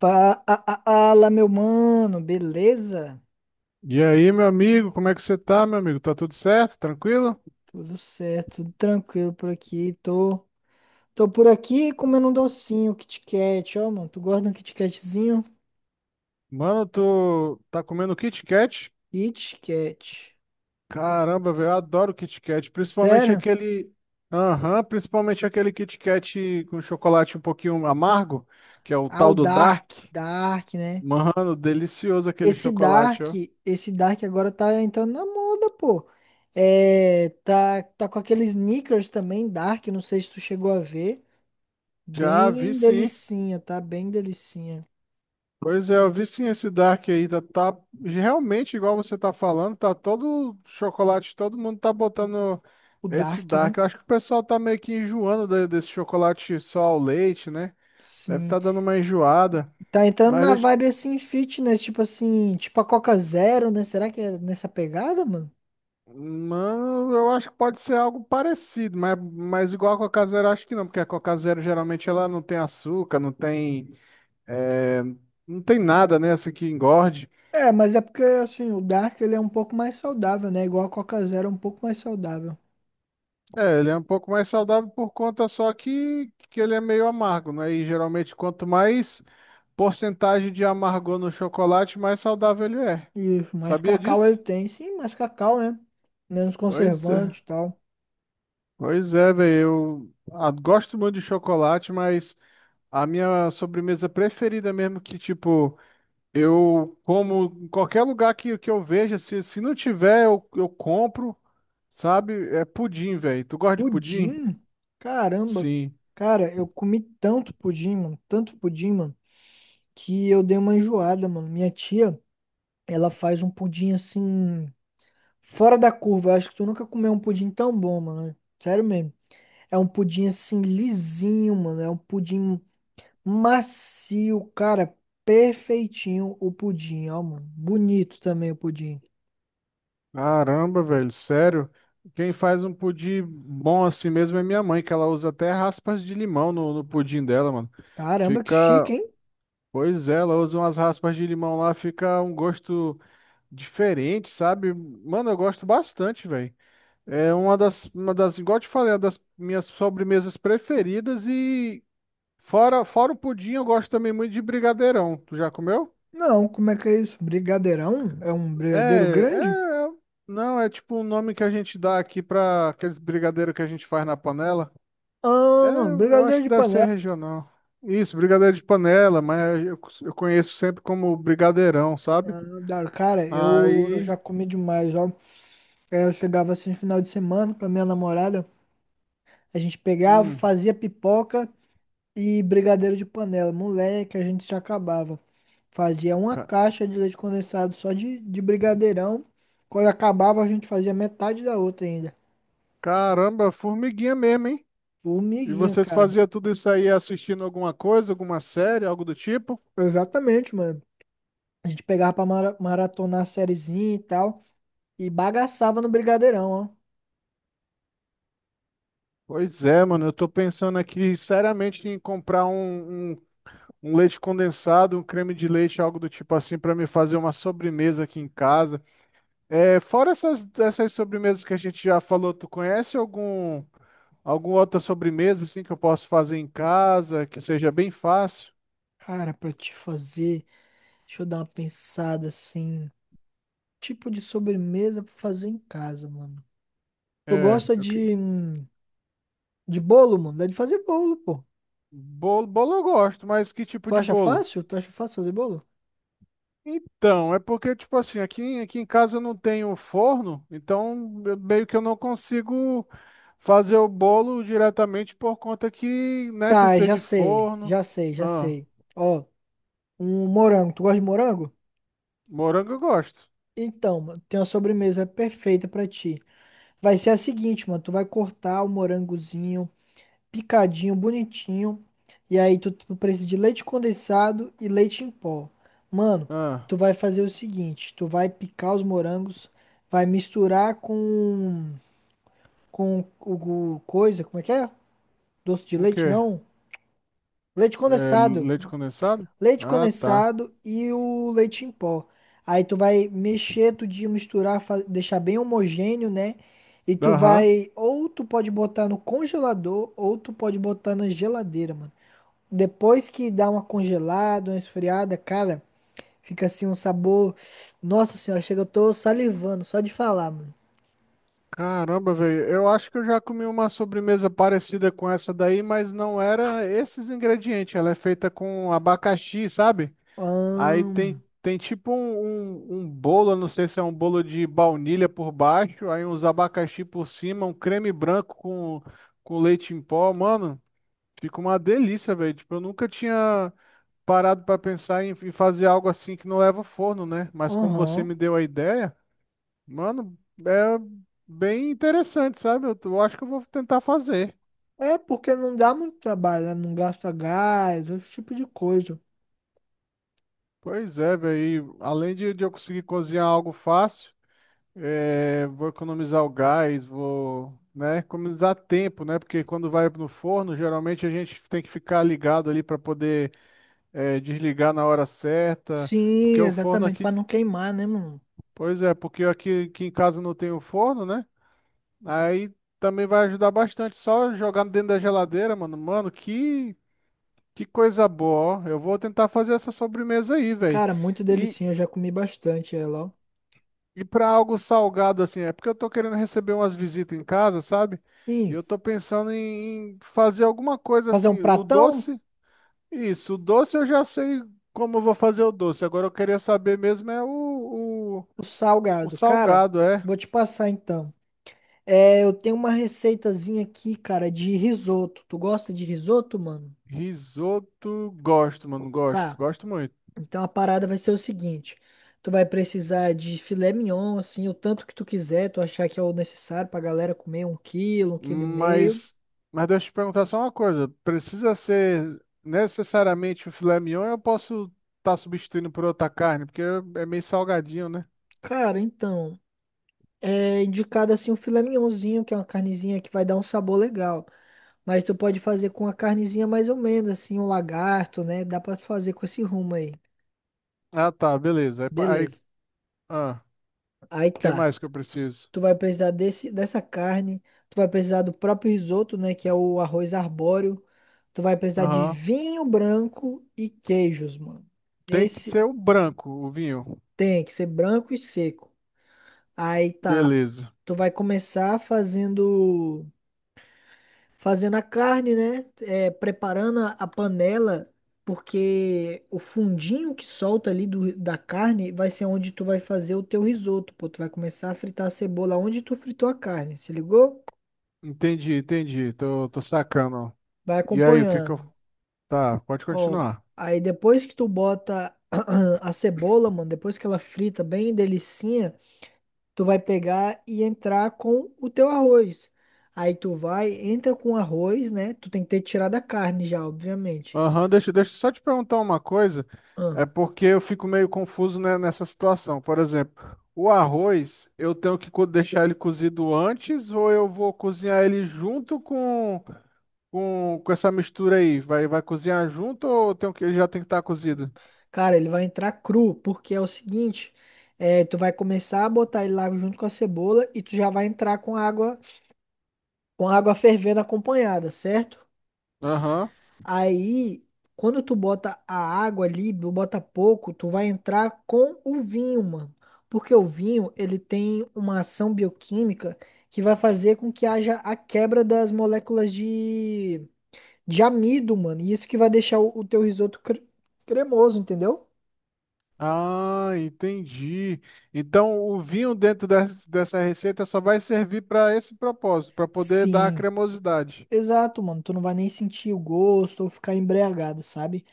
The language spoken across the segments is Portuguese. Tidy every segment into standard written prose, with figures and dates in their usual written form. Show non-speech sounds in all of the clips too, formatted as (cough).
Fala, meu mano, beleza? E aí, meu amigo, como é que você tá, meu amigo? Tá tudo certo? Tranquilo? Tudo certo, tudo tranquilo por aqui. Tô por aqui comendo um docinho, um Kit Kat. Ó, mano, tu gosta de um Kit Katzinho? Mano, tu tá comendo Kit Kat? Kit Kat. Caramba, velho, eu adoro Kit Kat, Sério? Aham, principalmente aquele Kit Kat com chocolate um pouquinho amargo, que é o Ah, o tal do Dark, Dark. Dark, né? Mano, delicioso aquele Esse chocolate, Dark, ó. esse Dark agora tá entrando na moda, pô. É, tá com aqueles sneakers também, Dark, não sei se tu chegou a ver. Já vi, Bem sim. delicinha, tá? Bem delicinha. Pois é, eu vi sim esse Dark aí, tá realmente igual você tá falando, tá todo chocolate, todo mundo tá botando O esse Dark, né? Dark. Eu acho que o pessoal tá meio que enjoando desse chocolate só ao leite, né? Deve Sim. tá dando uma enjoada. Tá entrando Mas, na deixa- vibe assim, fitness, tipo assim, tipo a Coca Zero, né? Será que é nessa pegada, mano? Mano, eu acho que pode ser algo parecido, mas, igual a Coca Zero, eu acho que não, porque a Coca Zero geralmente ela não tem açúcar, eh, não tem nada, né, assim, que engorde. É, mas é porque assim, o Dark ele é um pouco mais saudável, né? Igual a Coca Zero, é um pouco mais saudável. É, ele é um pouco mais saudável por conta só que, ele é meio amargo, né? E geralmente quanto mais porcentagem de amargor no chocolate, mais saudável ele é. Isso, mais Sabia cacau ele disso? tem, sim, mais cacau, né? Menos Pois é. conservante e tal. Pois é, velho. Eu gosto muito de chocolate, mas a minha sobremesa preferida mesmo que, tipo, eu como em qualquer lugar que, eu veja, se, não tiver, eu, compro, sabe? É pudim, velho. Tu gosta de pudim? Pudim? Caramba. Sim. Cara, eu comi tanto pudim, mano, que eu dei uma enjoada, mano. Minha tia, ela faz um pudim assim, fora da curva. Eu acho que tu nunca comeu um pudim tão bom, mano. Sério mesmo. É um pudim assim lisinho, mano. É um pudim macio, cara. Perfeitinho o pudim, ó, mano. Bonito também o pudim. Caramba, velho, sério? Quem faz um pudim bom assim mesmo é minha mãe, que ela usa até raspas de limão no, pudim dela, mano. Caramba, que chique, Fica. hein? Pois é, ela usa umas raspas de limão lá, fica um gosto diferente, sabe? Mano, eu gosto bastante, velho. É uma das, igual eu te falei, é uma das minhas sobremesas preferidas e fora, o pudim, eu gosto também muito de brigadeirão. Tu já comeu? Não, como é que é isso? Brigadeirão? É um É, brigadeiro grande? é, não, é tipo um nome que a gente dá aqui pra aqueles brigadeiro que a gente faz na panela. É, Ah, eu brigadeiro acho que de deve ser panela. regional. Isso, brigadeiro de panela, mas eu, conheço sempre como brigadeirão, sabe? Não dá. Cara, eu já Aí, comi demais, ó. Eu chegava assim no final de semana com a minha namorada. A gente pegava, hum, fazia pipoca e brigadeiro de panela. Moleque, a gente já acabava. Fazia uma ca- caixa de leite condensado só de brigadeirão. Quando acabava, a gente fazia metade da outra ainda. caramba, formiguinha mesmo, hein? E Formiguinha, vocês cara. faziam tudo isso aí assistindo alguma coisa, alguma série, algo do tipo? Exatamente, mano. A gente pegava pra maratonar a sériezinha e tal. E bagaçava no brigadeirão, ó. Pois é, mano, eu tô pensando aqui seriamente em comprar um, leite condensado, um creme de leite, algo do tipo assim, para me fazer uma sobremesa aqui em casa. É, fora essas, sobremesas que a gente já falou, tu conhece alguma outra sobremesa assim que eu posso fazer em casa, que seja bem fácil? Cara, pra te fazer, deixa eu dar uma pensada assim. Tipo de sobremesa pra fazer em casa, mano. Tu É, gosta de bolo, mano? Dá de fazer bolo, pô. bolo, eu gosto, mas que tipo Tu de acha bolo? fácil? Tu acha fácil fazer bolo? Então, é porque, tipo assim, aqui, em casa eu não tenho forno, então meio que eu não consigo fazer o bolo diretamente por conta que, né, Tá, precisa já de sei, forno. já sei, já Ah, sei. Ó, um morango. Tu gosta de morango? morango eu gosto. Então, mano, tem uma sobremesa perfeita pra ti. Vai ser a seguinte, mano. Tu vai cortar o morangozinho, picadinho, bonitinho. E aí tu precisa de leite condensado e leite em pó. Mano, Ah, tu vai fazer o seguinte. Tu vai picar os morangos, vai misturar com o coisa, como é que é? Doce de com o leite? quê? Não. Leite É, condensado. leite condensado? Leite Ah, tá. condensado e o leite em pó. Aí tu vai mexer tudinho, misturar, deixar bem homogêneo, né? E tu Aham. vai, ou tu pode botar no congelador, ou tu pode botar na geladeira, mano. Depois que dá uma congelada, uma esfriada, cara, fica assim um sabor. Nossa senhora, chega, eu tô salivando só de falar, mano. Caramba, velho, eu acho que eu já comi uma sobremesa parecida com essa daí, mas não era esses ingredientes. Ela é feita com abacaxi, sabe? Aí Ahn. tem, tipo um, bolo, eu não sei se é um bolo de baunilha por baixo, aí uns abacaxi por cima, um creme branco com, leite em pó. Mano, fica uma delícia, velho. Tipo, eu nunca tinha parado pra pensar em, fazer algo assim que não leva ao forno, né? Mas como você Aham. me deu a ideia, mano, é bem interessante, sabe? Eu acho que eu vou tentar fazer. É porque não dá muito trabalho, né? Não gasta gás, esse tipo de coisa. Pois é, velho. E além de, eu conseguir cozinhar algo fácil. É, vou economizar o gás, vou, né, economizar tempo, né? Porque quando vai no forno, geralmente a gente tem que ficar ligado ali para poder desligar na hora certa, Sim, porque o forno exatamente, aqui, para não queimar, né, mano? pois é, porque aqui, em casa não tem o forno, né? Aí também vai ajudar bastante, só jogar dentro da geladeira, mano. Mano, que coisa boa, ó. Eu vou tentar fazer essa sobremesa aí, velho. Cara, muito delicinha, eu já comi bastante ela, ó. E para algo salgado assim, é porque eu tô querendo receber umas visitas em casa, sabe? E Sim, eu tô pensando em fazer alguma coisa fazer um assim, pratão? Isso, o doce eu já sei como eu vou fazer o doce. Agora eu queria saber mesmo é o, o, O salgado. Cara, salgado, é. vou te passar então. É, eu tenho uma receitazinha aqui, cara, de risoto. Tu gosta de risoto, mano? Risoto, gosto, mano, gosto, Tá. gosto muito. Então a parada vai ser o seguinte. Tu vai precisar de filé mignon, assim, o tanto que tu quiser, tu achar que é o necessário pra galera comer um quilo e meio. Mas, mas deixa eu te perguntar só uma coisa, precisa ser necessariamente o filé mignon ou eu posso estar substituindo por outra carne? Porque é meio salgadinho, né? Cara, então, é indicado assim o filé mignonzinho, que é uma carnezinha que vai dar um sabor legal. Mas tu pode fazer com a carnezinha mais ou menos, assim, um lagarto, né? Dá pra fazer com esse rumo aí. Ah, tá, beleza. Aí, Beleza. ah, Aí o que tá. mais que eu preciso? Tu vai precisar dessa carne. Tu vai precisar do próprio risoto, né? Que é o arroz arbóreo. Tu vai precisar de Aham. vinho branco e queijos, mano. Tem que ser Esse o branco, o vinho. tem que ser branco e seco. Aí tá. Beleza. Tu vai começar fazendo. Fazendo a carne, né? É, preparando a panela, porque o fundinho que solta ali do, da carne vai ser onde tu vai fazer o teu risoto, pô. Tu vai começar a fritar a cebola onde tu fritou a carne, se ligou? Entendi, entendi. Tô, tô sacando. Vai E aí, o que que eu. acompanhando. Tá, pode Ó, continuar. aí depois que tu bota (clears throat) a cebola, mano, depois que ela frita bem delicinha, tu vai pegar e entrar com o teu arroz. Aí tu vai, entra com o arroz, né? Tu tem que ter tirado a carne já, obviamente. Aham, deixa, eu só te perguntar uma coisa. É porque eu fico meio confuso, né, nessa situação. Por exemplo, o arroz, eu tenho que deixar ele cozido antes ou eu vou cozinhar ele junto com, essa mistura aí? Vai, vai cozinhar junto ou eu ele já tem que estar cozido? Cara, ele vai entrar cru, porque é o seguinte, é, tu vai começar a botar ele lá junto com a cebola e tu já vai entrar com água fervendo acompanhada, certo? Aham. Aí, quando tu bota a água ali, tu bota pouco, tu vai entrar com o vinho, mano. Porque o vinho, ele tem uma ação bioquímica que vai fazer com que haja a quebra das moléculas de amido, mano. E isso que vai deixar o teu risoto cremoso, entendeu? Ah, entendi. Então, o vinho dentro dessa receita só vai servir para esse propósito, para poder dar a Sim. cremosidade. Exato, mano. Tu não vai nem sentir o gosto ou ficar embriagado, sabe?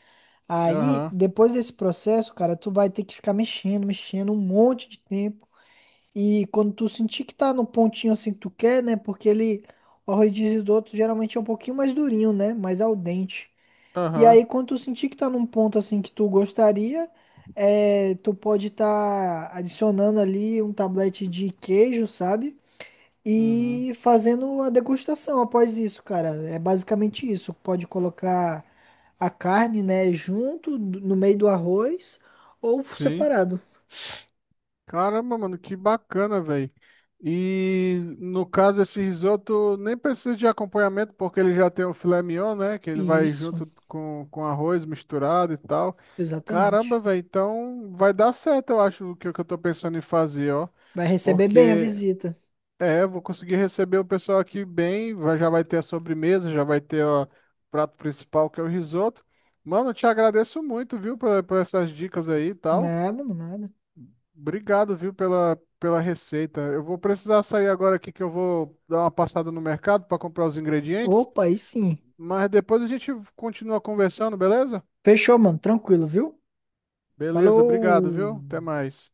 Aí, Aham, depois desse processo, cara, tu vai ter que ficar mexendo, mexendo um monte de tempo. E quando tu sentir que tá no pontinho assim que tu quer, né? Porque ele, o arroz de risoto geralmente é um pouquinho mais durinho, né? Mais al dente. E aham, aí, quando tu sentir que tá num ponto assim que tu gostaria, é, tu pode estar adicionando ali um tablete de queijo, sabe? uhum, E fazendo a degustação após isso, cara. É basicamente isso. Pode colocar a carne, né, no meio do arroz ou sim. separado. Caramba, mano, que bacana, velho. E no caso, esse risoto nem precisa de acompanhamento, porque ele já tem o filé mignon, né? Que ele vai Isso, junto com, arroz misturado e tal. exatamente. Caramba, velho, então vai dar certo, eu acho, o que, eu tô pensando em fazer, ó. Vai receber bem a Porque visita. É, eu vou conseguir receber o pessoal aqui bem. Já vai ter a sobremesa, já vai ter, ó, o prato principal, que é o risoto. Mano, eu te agradeço muito, viu, por, essas dicas aí e tal. Nada, mano, nada. Obrigado, viu, pela, receita. Eu vou precisar sair agora aqui que eu vou dar uma passada no mercado para comprar os ingredientes. Opa, aí sim. Mas depois a gente continua conversando, beleza? Fechou, mano. Tranquilo, viu? Beleza, Falou! obrigado, viu? Até mais.